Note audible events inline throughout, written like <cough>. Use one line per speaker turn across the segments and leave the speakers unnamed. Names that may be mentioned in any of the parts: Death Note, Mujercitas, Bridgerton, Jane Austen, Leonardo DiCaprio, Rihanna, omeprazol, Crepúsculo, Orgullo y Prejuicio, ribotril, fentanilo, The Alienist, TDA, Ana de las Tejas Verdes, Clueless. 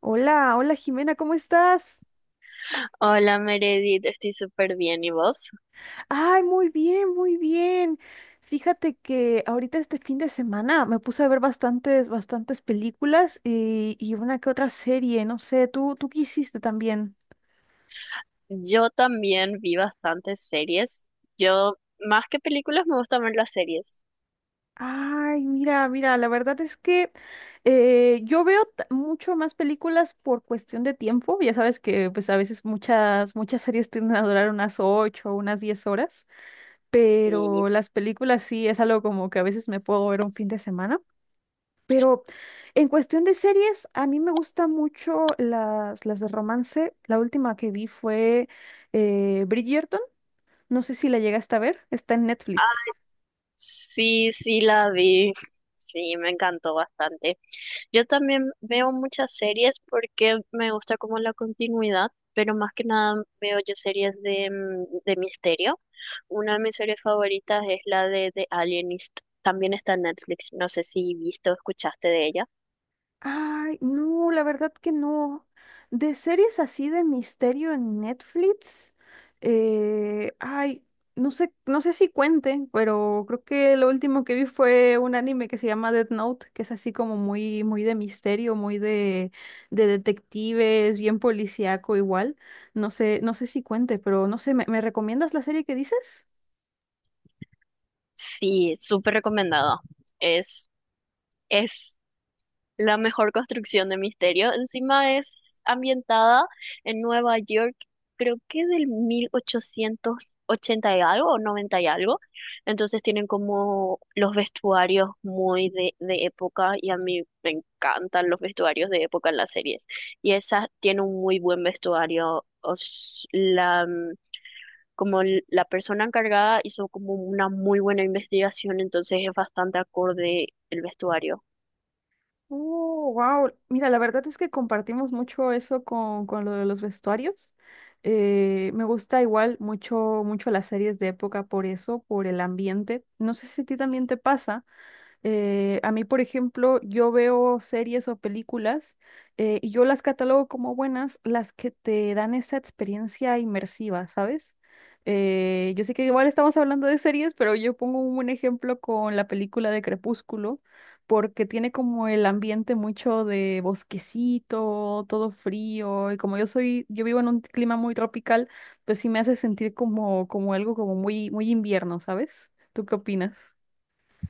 Hola, hola Jimena, ¿cómo estás?
Hola Meredith, estoy súper bien. ¿Y vos?
Ay, muy bien, muy bien. Fíjate que ahorita este fin de semana me puse a ver bastantes, bastantes películas y una que otra serie, no sé, ¿tú qué hiciste también?
Yo también vi bastantes series. Yo, más que películas, me gustan ver las series.
Ay, mira, mira, la verdad es que yo veo mucho más películas por cuestión de tiempo. Ya sabes que pues a veces muchas, muchas series tienden a durar unas 8 o unas 10 horas,
Sí,
pero las películas sí es algo como que a veces me puedo ver un fin de semana. Pero en cuestión de series, a mí me gustan mucho las de romance. La última que vi fue Bridgerton. No sé si la llegaste a ver. Está en Netflix.
sí, sí la vi. Sí, me encantó bastante. Yo también veo muchas series porque me gusta como la continuidad, pero más que nada veo yo series de misterio. Una de mis series favoritas es la de The Alienist. También está en Netflix. No sé si viste o escuchaste de ella.
Ay, no, la verdad que no. De series así de misterio en Netflix, ay, no sé, no sé si cuenten, pero creo que lo último que vi fue un anime que se llama Death Note, que es así como muy, muy de misterio, muy de detectives, bien policíaco igual. No sé, no sé si cuente, pero no sé, ¿me recomiendas la serie que dices?
Sí, súper recomendado. Es, es la mejor construcción de misterio. Encima es ambientada en Nueva York, creo que del 1880 y algo o 90 y algo. Entonces tienen como los vestuarios muy de época y a mí me encantan los vestuarios de época en las series. Y esa tiene un muy buen vestuario. La persona encargada hizo como una muy buena investigación, entonces es bastante acorde el vestuario.
Oh, wow. Mira, la verdad es que compartimos mucho eso con lo de los vestuarios. Me gusta igual mucho, mucho las series de época por eso, por el ambiente. No sé si a ti también te pasa, a mí, por ejemplo, yo veo series o películas y yo las catalogo como buenas, las que te dan esa experiencia inmersiva, ¿sabes? Yo sé que igual estamos hablando de series, pero yo pongo un buen ejemplo con la película de Crepúsculo, porque tiene como el ambiente mucho de bosquecito, todo frío, y como yo vivo en un clima muy tropical, pues sí me hace sentir como, como algo como muy, muy invierno, ¿sabes? ¿Tú qué opinas?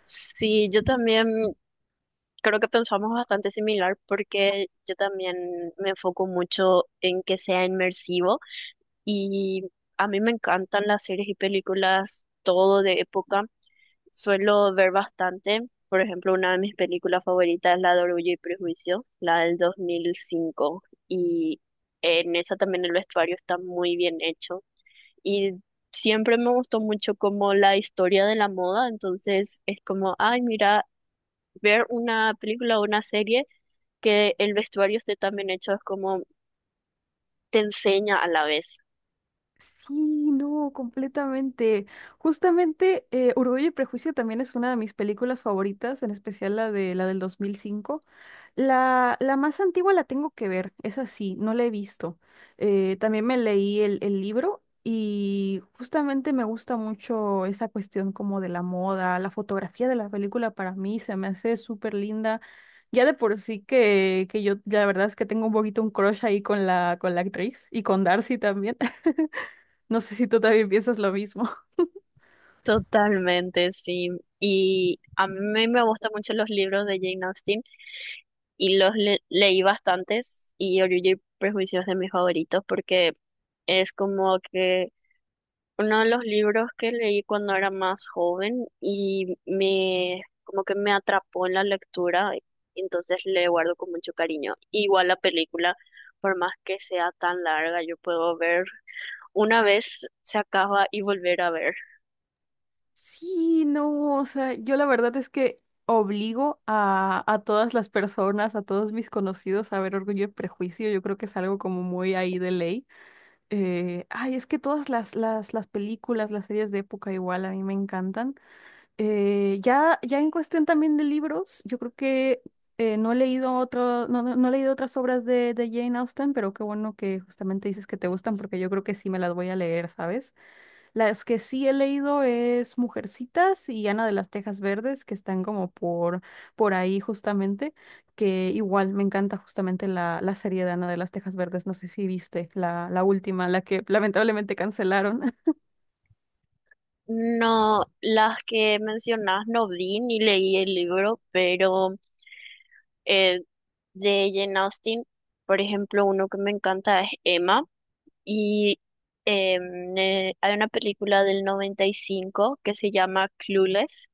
Sí, yo también creo que pensamos bastante similar porque yo también me enfoco mucho en que sea inmersivo y a mí me encantan las series y películas todo de época. Suelo ver bastante. Por ejemplo, una de mis películas favoritas es la de Orgullo y Prejuicio, la del 2005. Y en esa también el vestuario está muy bien hecho. Y siempre me gustó mucho como la historia de la moda, entonces es como, ay, mira, ver una película o una serie que el vestuario esté tan bien hecho es como te enseña a la vez.
Sí, no, completamente. Justamente, Orgullo y Prejuicio también es una de mis películas favoritas, en especial la del 2005. La más antigua la tengo que ver, es así, no la he visto. También me leí el libro y justamente me gusta mucho esa cuestión como de la moda, la fotografía de la película para mí se me hace súper linda. Ya de por sí que yo, la verdad es que tengo un poquito un crush ahí con la actriz y con Darcy también. <laughs> No sé si tú también piensas lo mismo. <laughs>
Totalmente, sí. Y a mí me gustan mucho los libros de Jane Austen y los leí bastantes, y Orgullo y Prejuicio es de mis favoritos porque es como que uno de los libros que leí cuando era más joven y me como que me atrapó en la lectura, y entonces le guardo con mucho cariño. Igual la película, por más que sea tan larga, yo puedo ver una vez se acaba y volver a ver.
Sí, no, o sea, yo la verdad es que obligo a todas las personas, a todos mis conocidos a ver Orgullo y Prejuicio. Yo creo que es algo como muy ahí de ley. Ay, es que todas las películas, las series de época igual a mí me encantan. Ya, ya en cuestión también de libros, yo creo que no he leído otro, no he leído otras obras de Jane Austen, pero qué bueno que justamente dices que te gustan porque yo creo que sí me las voy a leer, ¿sabes? Las que sí he leído es Mujercitas y Ana de las Tejas Verdes, que están como por ahí justamente, que igual me encanta justamente la serie de Ana de las Tejas Verdes, no sé si viste la última, la que lamentablemente cancelaron. <laughs>
No, las que mencionás no vi ni leí el libro, pero eh, de Jane Austen, por ejemplo, uno que me encanta es Emma. Y hay una película del 95 que se llama Clueless,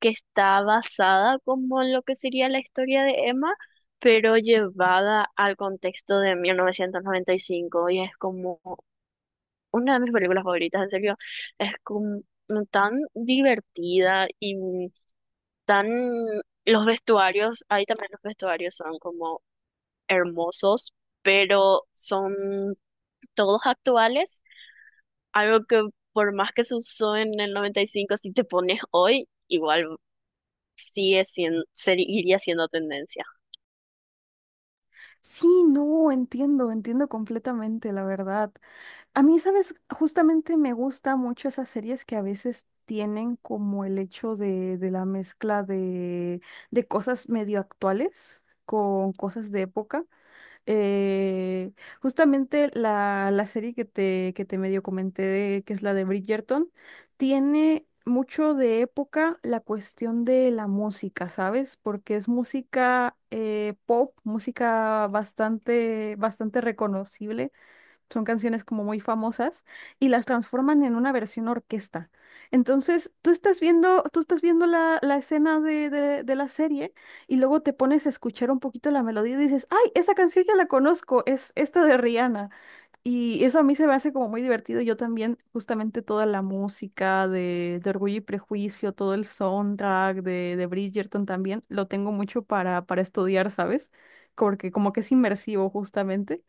que está basada como en lo que sería la historia de Emma, pero llevada al contexto de 1995. Y cinco. Y es como una de mis películas favoritas, en serio. Es como tan divertida y tan. Los vestuarios, ahí también los vestuarios son como hermosos, pero son todos actuales, algo que por más que se usó en el 95, si te pones hoy, igual sigue siendo, seguiría siendo tendencia.
Sí, no, entiendo, entiendo completamente, la verdad. A mí, sabes, justamente me gusta mucho esas series que a veces tienen como el hecho de la mezcla de cosas medio actuales con cosas de época. Eh, Justamente la serie que te medio comenté, que es la de Bridgerton, tiene mucho de época la cuestión de la música, ¿sabes? Porque es música pop, música bastante, bastante reconocible son canciones como muy famosas y las transforman en una versión orquesta. Entonces, tú estás viendo la escena de la serie y luego te pones a escuchar un poquito la melodía y dices, ay, esa canción ya la conozco, es esta de Rihanna. Y eso a mí se me hace como muy divertido. Yo también, justamente toda la música de Orgullo y Prejuicio, todo el soundtrack de Bridgerton también, lo tengo mucho para estudiar, ¿sabes? Porque como que es inmersivo justamente.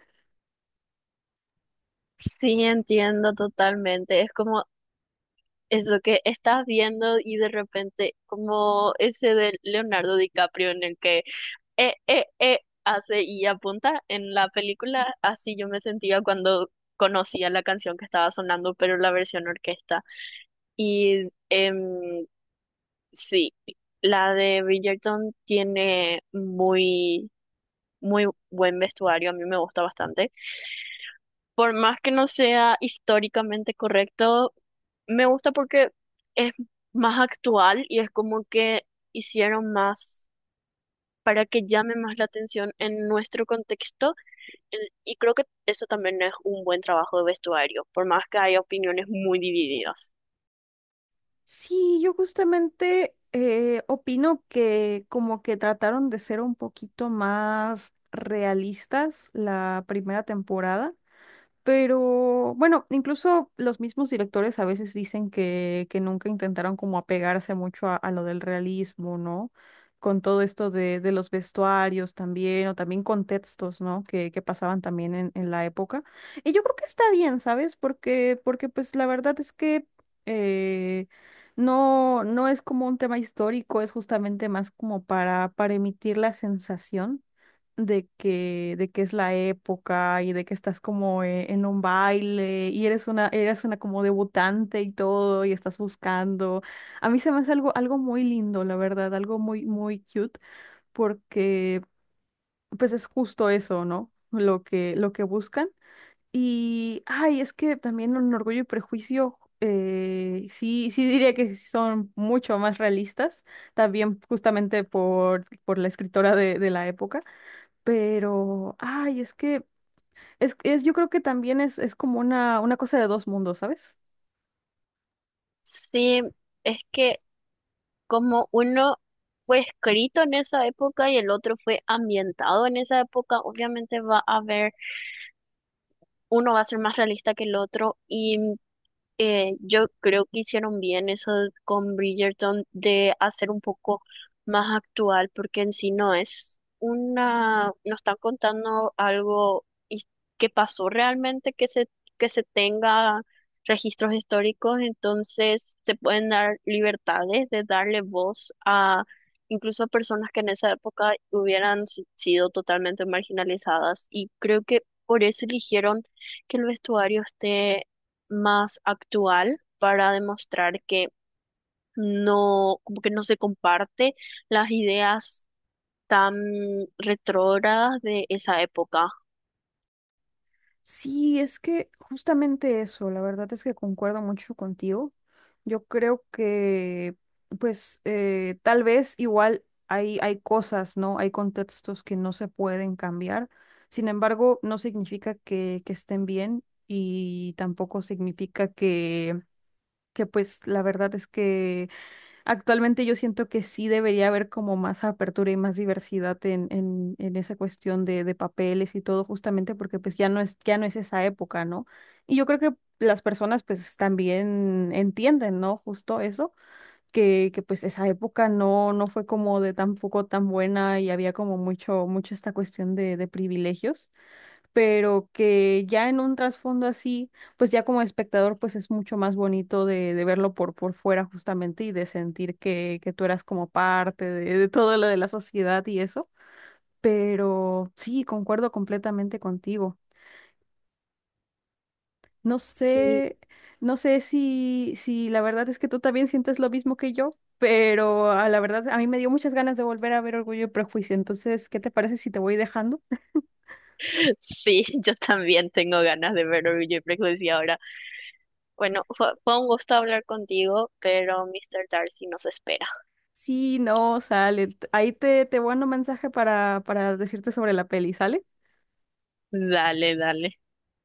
Sí, entiendo totalmente. Es como eso que estás viendo y de repente, como ese de Leonardo DiCaprio en el que hace y apunta en la película, así yo me sentía cuando conocía la canción que estaba sonando, pero la versión orquesta. Y sí, la de Bridgerton tiene muy, muy buen vestuario, a mí me gusta bastante. Por más que no sea históricamente correcto, me gusta porque es más actual y es como que hicieron más para que llame más la atención en nuestro contexto y creo que eso también es un buen trabajo de vestuario, por más que haya opiniones muy divididas.
Sí, yo justamente opino que como que trataron de ser un poquito más realistas la primera temporada. Pero bueno, incluso los mismos directores a veces dicen que nunca intentaron como apegarse mucho a lo del realismo, ¿no? Con todo esto de los vestuarios también, o también contextos, ¿no? Que pasaban también en la época. Y yo creo que está bien, ¿sabes? Porque, porque pues la verdad es que eh, no es como un tema histórico, es justamente más como para emitir la sensación de que es la época y de que estás como en un baile y eres una como debutante y todo y estás buscando. A mí se me hace algo muy lindo, la verdad, algo muy, muy cute porque pues es justo eso, ¿no? Lo que buscan. Y, ay, es que también en Orgullo y Prejuicio, sí diría que sí son mucho más realistas, también justamente por la escritora de la época. Pero, ay, es que, yo creo que también es como una cosa de dos mundos, ¿sabes?
Sí, es que como uno fue escrito en esa época y el otro fue ambientado en esa época, obviamente va a haber, uno va a ser más realista que el otro y yo creo que hicieron bien eso con Bridgerton de hacer un poco más actual, porque en sí no es una, no están contando algo que pasó realmente, que se tenga registros históricos, entonces se pueden dar libertades de darle voz a incluso a personas que en esa época hubieran sido totalmente marginalizadas, y creo que por eso eligieron que el vestuario esté más actual para demostrar que no, como que no se comparte las ideas tan retrógradas de esa época.
Sí, es que justamente eso, la verdad es que concuerdo mucho contigo. Yo creo que, pues, tal vez igual hay cosas, ¿no? Hay contextos que no se pueden cambiar. Sin embargo, no significa que estén bien y tampoco significa pues, la verdad es que actualmente yo siento que sí debería haber como más apertura y más diversidad en esa cuestión de papeles y todo, justamente porque pues ya no es esa época, ¿no? Y yo creo que las personas pues también entienden, ¿no? Justo eso, que pues esa época no fue como de tampoco tan buena y había como mucho, mucho esta cuestión de privilegios pero que ya en un trasfondo así, pues ya como espectador, pues es mucho más bonito de verlo por fuera justamente y de sentir que tú eras como parte de todo lo de la sociedad y eso. Pero sí, concuerdo completamente contigo. No
Sí,
sé, no sé si la verdad es que tú también sientes lo mismo que yo, pero a la verdad a mí me dio muchas ganas de volver a ver Orgullo y Prejuicio. Entonces, ¿qué te parece si te voy dejando?
<laughs> sí, yo también tengo ganas de ver Orgullo y Prejuicio ahora. Bueno, fue un gusto hablar contigo, pero Mr. Darcy nos espera.
Sí, no, sale. Ahí te mando un mensaje para decirte sobre la peli, ¿sale?
Dale, dale.